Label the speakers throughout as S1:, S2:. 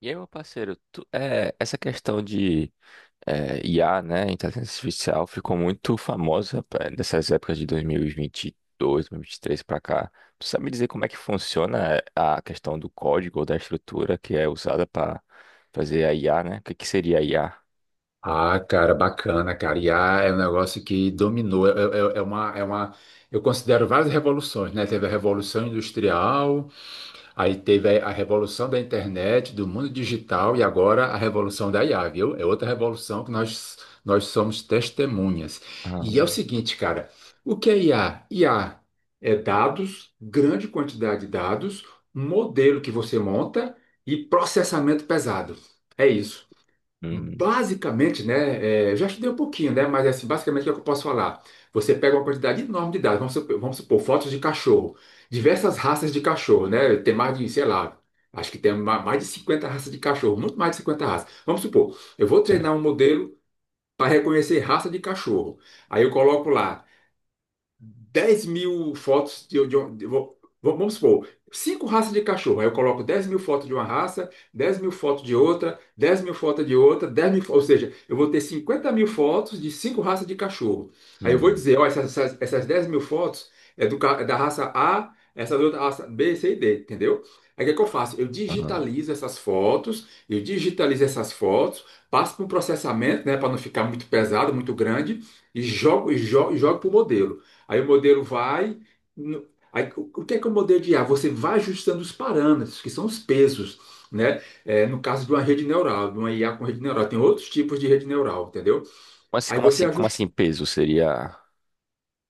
S1: E aí, meu parceiro, essa questão de IA, né, inteligência artificial, ficou muito famosa pá, nessas épocas de 2022, 2023 para cá. Tu sabe me dizer como é que funciona a questão do código ou da estrutura que é usada para fazer a IA, né? O que que seria a IA?
S2: Ah, cara, bacana, cara. IA é um negócio que dominou. Eu considero várias revoluções, né? Teve a Revolução Industrial, aí teve a Revolução da Internet, do mundo digital e agora a Revolução da IA, viu? É outra revolução que nós somos testemunhas.
S1: Ah.
S2: E é o seguinte, cara, o que é IA? IA é dados, grande quantidade de dados, um modelo que você monta e processamento pesado. É isso.
S1: Hum.
S2: Basicamente, né, eu já estudei um pouquinho, né, mas assim, basicamente o que é que eu posso falar? Você pega uma quantidade enorme de dados, vamos supor, fotos de cachorro, diversas raças de cachorro, né, tem mais de, sei lá, acho que tem mais de 50 raças de cachorro, muito mais de 50 raças. Vamos supor, eu vou
S1: É.
S2: treinar um modelo para reconhecer raça de cachorro. Aí eu coloco lá 10 mil fotos vamos supor, cinco raças de cachorro. Aí eu coloco 10 mil fotos de uma raça, 10 mil fotos de outra, 10 mil fotos de outra, ou seja, eu vou ter 50 mil fotos de cinco raças de cachorro. Aí eu vou
S1: Hum.
S2: dizer, ó, essas 10 mil fotos é da raça A, essa da outra raça B, C e D, entendeu? Aí o que é que eu faço? Eu
S1: Ah.
S2: digitalizo essas fotos, eu digitalizo essas fotos, passo para um processamento, né, para não ficar muito pesado, muito grande, e jogo para o modelo. Aí o modelo vai. Aí, o que é o modelo de IA? Você vai ajustando os parâmetros, que são os pesos, né? No caso de uma rede neural, de uma IA com rede neural, tem outros tipos de rede neural, entendeu?
S1: Como assim,
S2: Aí
S1: como
S2: você
S1: assim, como
S2: ajusta.
S1: assim peso seria?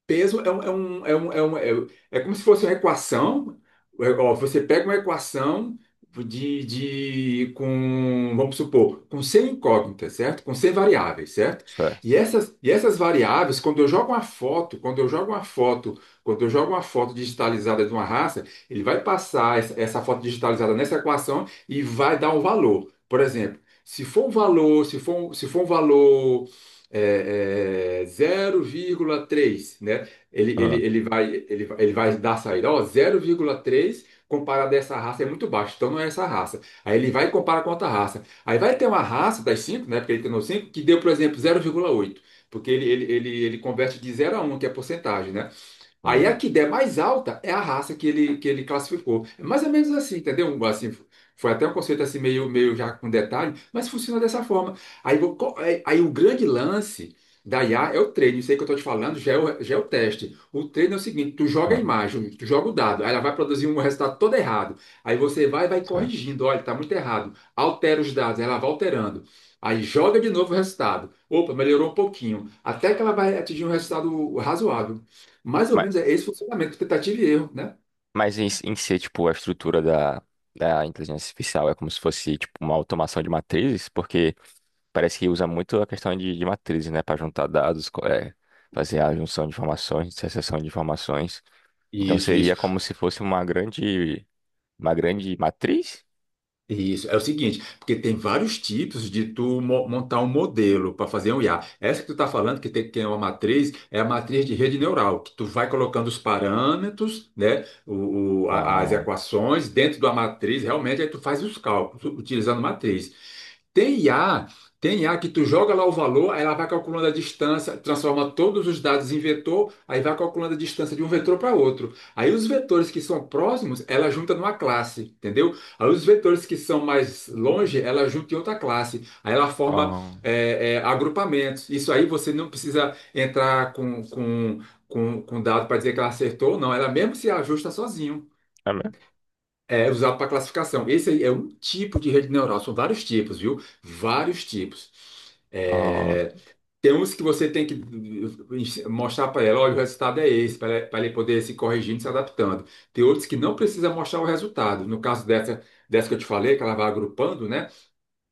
S2: Peso é um, é como se fosse uma equação. É, ó, você pega uma equação de com, vamos supor, com 100 incógnitas, certo? Com 100 variáveis, certo?
S1: Certo.
S2: E essas variáveis, quando eu jogo uma foto digitalizada de uma raça, ele vai passar essa foto digitalizada nessa equação e vai dar um valor. Por exemplo, se for um valor 0,3, né? Ele, ele,
S1: Ah.
S2: ele vai, ele, vai- ele vai dar a saída, ó, 0,3 comparado a essa raça é muito baixo, então não é essa raça. Aí ele vai e compara com outra raça. Aí vai ter uma raça das cinco, né, porque ele treinou 5 que deu, por exemplo, 0,8, porque ele converte de zero a um, que é a porcentagem, né? Aí a
S1: Hum.
S2: que der mais alta é a raça que ele classificou. É mais ou menos assim, entendeu? Assim, foi até um conceito assim meio, meio já com detalhe, mas funciona dessa forma. Aí, o grande lance da IA é o treino. Isso aí que eu estou te falando já é o teste. O treino é o seguinte, tu joga a
S1: Ah.
S2: imagem, tu joga o dado, aí ela vai produzir um resultado todo errado. Aí você vai
S1: Certo.
S2: corrigindo, olha, está muito errado. Altera os dados, ela vai alterando. Aí joga de novo o resultado. Opa, melhorou um pouquinho. Até que ela vai atingir um resultado razoável. Mais ou menos é esse funcionamento, tentativa e erro, né?
S1: Mas em si, tipo, a estrutura da inteligência artificial é como se fosse, tipo, uma automação de matrizes, porque parece que usa muito a questão de matrizes, né, para juntar dados, fazer a junção de informações, dissociação de informações. Então
S2: Isso,
S1: seria
S2: isso,
S1: como se fosse uma grande matriz?
S2: isso. É o seguinte, porque tem vários tipos de tu montar um modelo para fazer um IA. Essa que tu está falando, que tem que é uma matriz, é a matriz de rede neural, que tu vai colocando os parâmetros, né, as
S1: Ah.
S2: equações dentro da matriz, realmente, aí tu faz os cálculos utilizando matriz. Tem I a tem I a que tu joga lá o valor, aí ela vai calculando a distância, transforma todos os dados em vetor, aí vai calculando a distância de um vetor para outro. Aí os vetores que são próximos, ela junta numa classe, entendeu? Aí os vetores que são mais longe, ela junta em outra classe. Aí ela forma
S1: Ah,
S2: agrupamentos. Isso aí você não precisa entrar com dado para dizer que ela acertou, não. Ela mesmo se ajusta sozinho.
S1: é mesmo?
S2: É usado para classificação. Esse aí é um tipo de rede neural, são vários tipos, viu? Vários tipos.
S1: Ah.
S2: É, Tem uns que você tem que mostrar para ela, olha, o resultado é esse, pra ela poder se corrigindo, e se adaptando. Tem outros que não precisa mostrar o resultado. No caso dessa que eu te falei, que ela vai agrupando, né?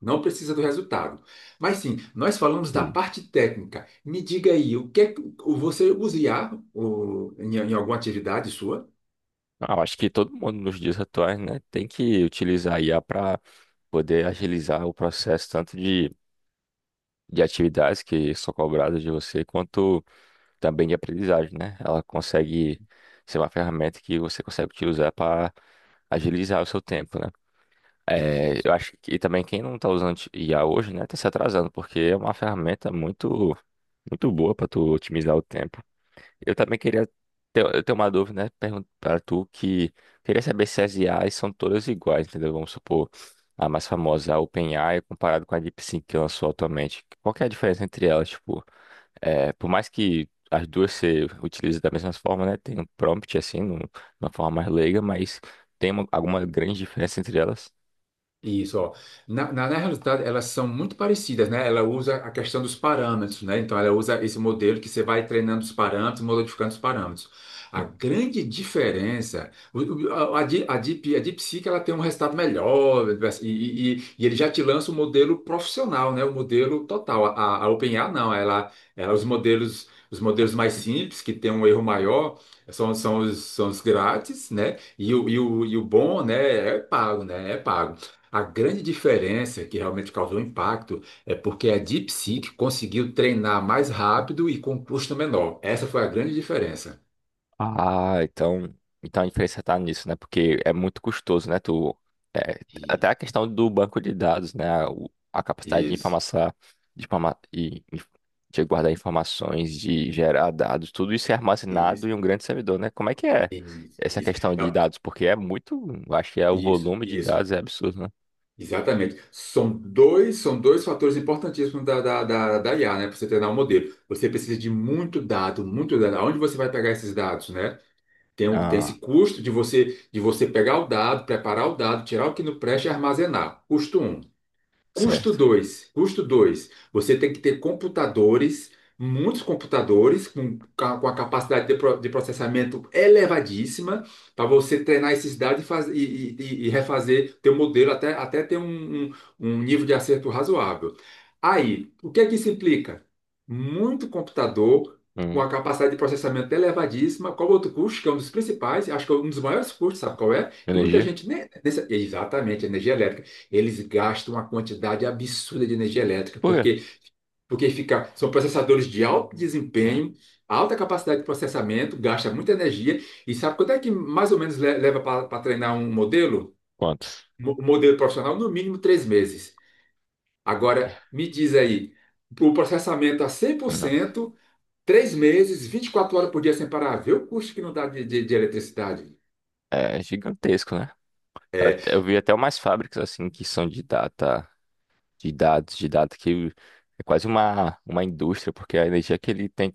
S2: Não precisa do resultado. Mas sim, nós falamos da
S1: Hum.
S2: parte técnica. Me diga aí, o que é que você usa IA em alguma atividade sua?
S1: Ah, eu acho que todo mundo nos dias atuais, né, tem que utilizar a IA para poder agilizar o processo tanto de atividades que são cobradas de você, quanto também de aprendizagem, né? Ela consegue ser uma ferramenta que você consegue utilizar para agilizar o seu tempo, né? É, eu acho que também quem não está usando I a hoje, né, tá se atrasando, porque é uma ferramenta muito, muito boa para tu otimizar o tempo. Eu também eu tenho uma dúvida, né, para tu que queria saber se as IAs são todas iguais, entendeu? Vamos supor a mais famosa, a OpenAI, comparado com a DeepSeek que lançou atualmente. Qual que é a diferença entre elas? Tipo, por mais que as duas se utilizem da mesma forma, né? Tem um prompt assim, numa forma mais leiga, mas tem alguma grande diferença entre elas.
S2: Isso, ó. Na realidade, elas são muito parecidas, né? Ela usa a questão dos parâmetros, né? Então, ela usa esse modelo que você vai treinando os parâmetros, modificando os parâmetros. A
S1: Hum.
S2: grande diferença, a DeepSeek, ela tem um resultado melhor e ele já te lança o modelo profissional, né? O modelo total. A OpenAI, não. Ela, os modelos mais simples, que tem um erro maior, são os grátis, né? E o bom, né? É pago, né? É pago. A grande diferença que realmente causou impacto é porque a DeepSeek conseguiu treinar mais rápido e com custo menor. Essa foi a grande diferença.
S1: Ah, então a diferença tá nisso, né? Porque é muito custoso, né? É,
S2: E-
S1: até a questão do banco de dados, né? A capacidade de
S2: Isso,
S1: informação, de, informa- e- e- de guardar informações, de gerar dados, tudo isso é armazenado
S2: isso,
S1: em um grande servidor, né? Como é que é
S2: isso,
S1: essa
S2: isso,
S1: questão de
S2: É,
S1: dados? Porque é muito, eu acho que é o
S2: isso,
S1: volume de
S2: isso,
S1: dados é absurdo, né?
S2: exatamente. São dois fatores importantíssimos da IA, né? Para você treinar um modelo. Você precisa de muito dado, muito dado. Aonde você vai pegar esses dados, né? Tem esse
S1: Ah,
S2: custo de você pegar o dado, preparar o dado, tirar o que não presta e armazenar. Custo um. Custo
S1: certo.
S2: dois custo dois Você tem que ter computadores, muitos computadores, com a capacidade de processamento elevadíssima, para você treinar esses dados e refazer teu modelo até ter um nível de acerto razoável. Aí, o que é que isso implica? Muito computador com a
S1: Hum.
S2: capacidade de processamento elevadíssima. Qual outro custo, que é um dos principais, acho que é um dos maiores custos, sabe qual é? Que muita
S1: Energia?
S2: gente nem. Exatamente, energia elétrica, eles gastam uma quantidade absurda de energia elétrica,
S1: Por quê?
S2: porque fica, são processadores de alto desempenho, alta capacidade de processamento, gasta muita energia, e sabe quanto é que mais ou menos leva para treinar um modelo?
S1: Quantos?
S2: Um modelo profissional, no mínimo 3 meses. Agora, me diz aí, o processamento a cem por
S1: Nossa.
S2: cento, 3 meses, 24 horas por dia sem parar, vê o custo que não dá de eletricidade.
S1: É gigantesco, né? Eu vi até umas fábricas assim que são de data, de dados, de data que é quase uma indústria, porque a energia que ele tem,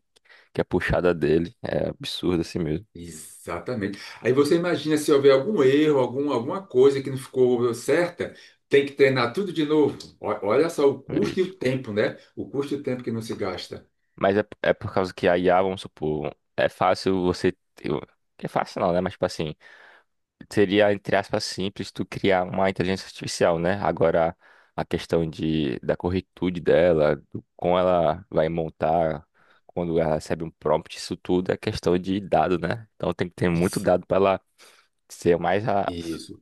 S1: que é puxada dele, é absurda assim mesmo.
S2: Exatamente. Aí você imagina se houver algum erro, algum, alguma coisa que não ficou certa, tem que treinar tudo de novo. Olha só o
S1: Mas
S2: custo e o tempo, né? O custo e o tempo que não se gasta.
S1: mas é por causa que a IA, vamos supor, é fácil você. É fácil não, né? Mas tipo assim. Seria, entre aspas, simples tu criar uma inteligência artificial, né? Agora, a questão da corretude dela, do como ela vai montar, quando ela recebe um prompt, isso tudo é questão de dado, né? Então tem que ter muito
S2: Isso,
S1: dado para ela ser mais a,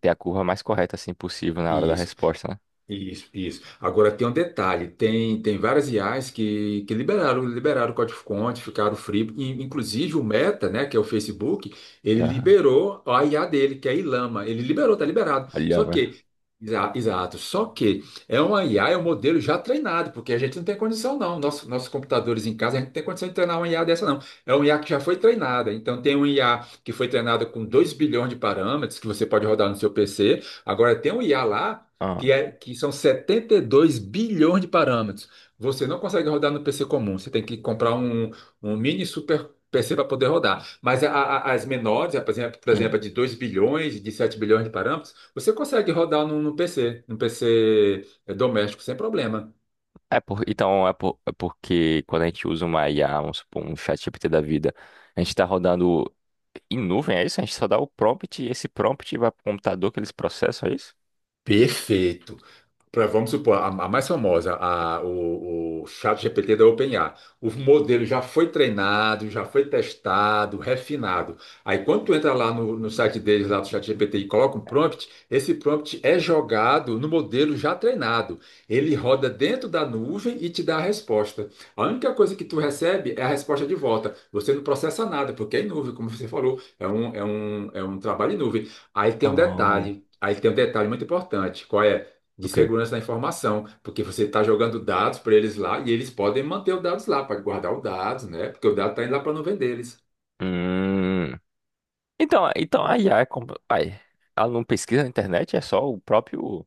S1: ter a curva mais correta assim possível na hora da
S2: isso.
S1: resposta, né?
S2: Isso, isso. Agora tem um detalhe, tem várias IAs que liberaram o código-fonte, ficaram free, e, inclusive o Meta, né, que é o Facebook, ele
S1: Aham.
S2: liberou a IA dele, que é a Llama, ele liberou, tá liberado.
S1: Olha,
S2: Só
S1: mano.
S2: que, exato, só que é uma IA, é um modelo já treinado, porque a gente não tem condição não. Nossos computadores em casa, a gente não tem condição de treinar uma IA dessa não. É uma IA que já foi treinada, então tem uma IA que foi treinada com 2 bilhões de parâmetros, que você pode rodar no seu PC. Agora tem um IA lá que,
S1: Aham.
S2: é, que são 72 bilhões de parâmetros. Você não consegue rodar no PC comum, você tem que comprar um mini super PC para poder rodar. Mas as menores, por exemplo, a de 2 bilhões, de 7 bilhões de parâmetros, você consegue rodar no PC doméstico, sem problema.
S1: Então, é porque quando a gente usa uma IA, vamos supor, um ChatGPT da vida, a gente está rodando em nuvem, é isso? A gente só dá o prompt e esse prompt vai para o computador que eles processam, é isso?
S2: Perfeito. Vamos supor, a mais famosa, a, o GPT da OpenAI. O modelo já foi treinado, já foi testado, refinado. Aí quando tu entra lá no site deles, lá do ChatGPT, e coloca um prompt, esse prompt é jogado no modelo já treinado. Ele roda dentro da nuvem e te dá a resposta. A única coisa que tu recebe é a resposta de volta. Você não processa nada, porque é em nuvem, como você falou. É um trabalho em nuvem. Aí tem um
S1: Ah,
S2: detalhe. Aí tem um detalhe muito importante. Qual é? De
S1: ok.
S2: segurança da informação, porque você está jogando dados para eles lá e eles podem manter os dados lá, para guardar os dados, né? Porque o dado está indo lá para não nuvem deles.
S1: Hum, então a IA é como. Ai, ela não pesquisa na internet, é só o próprio.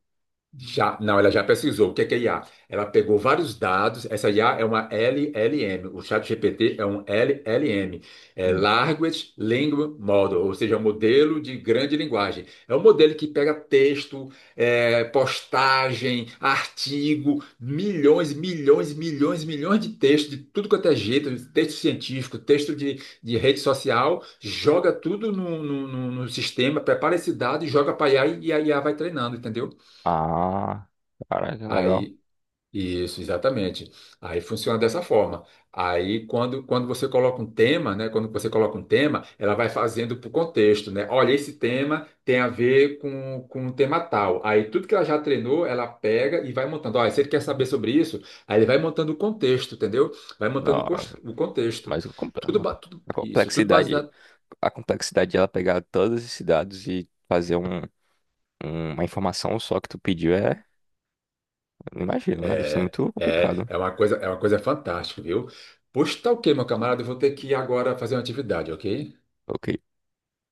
S2: Já, não, ela já pesquisou. O que é IA? Ela pegou vários dados. Essa IA é uma LLM. O ChatGPT é um LLM. É
S1: Hum.
S2: Large Language Model, ou seja, é um modelo de grande linguagem. É um modelo que pega texto, postagem, artigo, milhões, milhões, milhões, milhões de textos, de tudo quanto é jeito, texto científico, texto de rede social, joga tudo no sistema, prepara esse dado e joga para IA e a IA vai treinando, entendeu?
S1: Ah, caraca, legal.
S2: Aí isso, exatamente. Aí funciona dessa forma. Aí, quando você coloca um tema, né? Quando você coloca um tema, ela vai fazendo para o contexto, né? Olha, esse tema tem a ver com um tema tal. Aí, tudo que ela já treinou, ela pega e vai montando. Olha, se ele quer saber sobre isso, aí ele vai montando o contexto, entendeu? Vai montando o cons-
S1: Nossa,
S2: o contexto.
S1: mas
S2: Tudo
S1: a
S2: isso, tudo
S1: complexidade.
S2: baseado.
S1: A complexidade de ela pegar todos esses dados e fazer um. Uma informação só que tu pediu é. Não imagino, né? Deve ser
S2: É,
S1: muito
S2: é,
S1: complicado.
S2: é uma coisa, é uma coisa fantástica, viu? Pois tá ok, meu camarada, eu vou ter que ir agora fazer uma atividade, ok?
S1: Ok.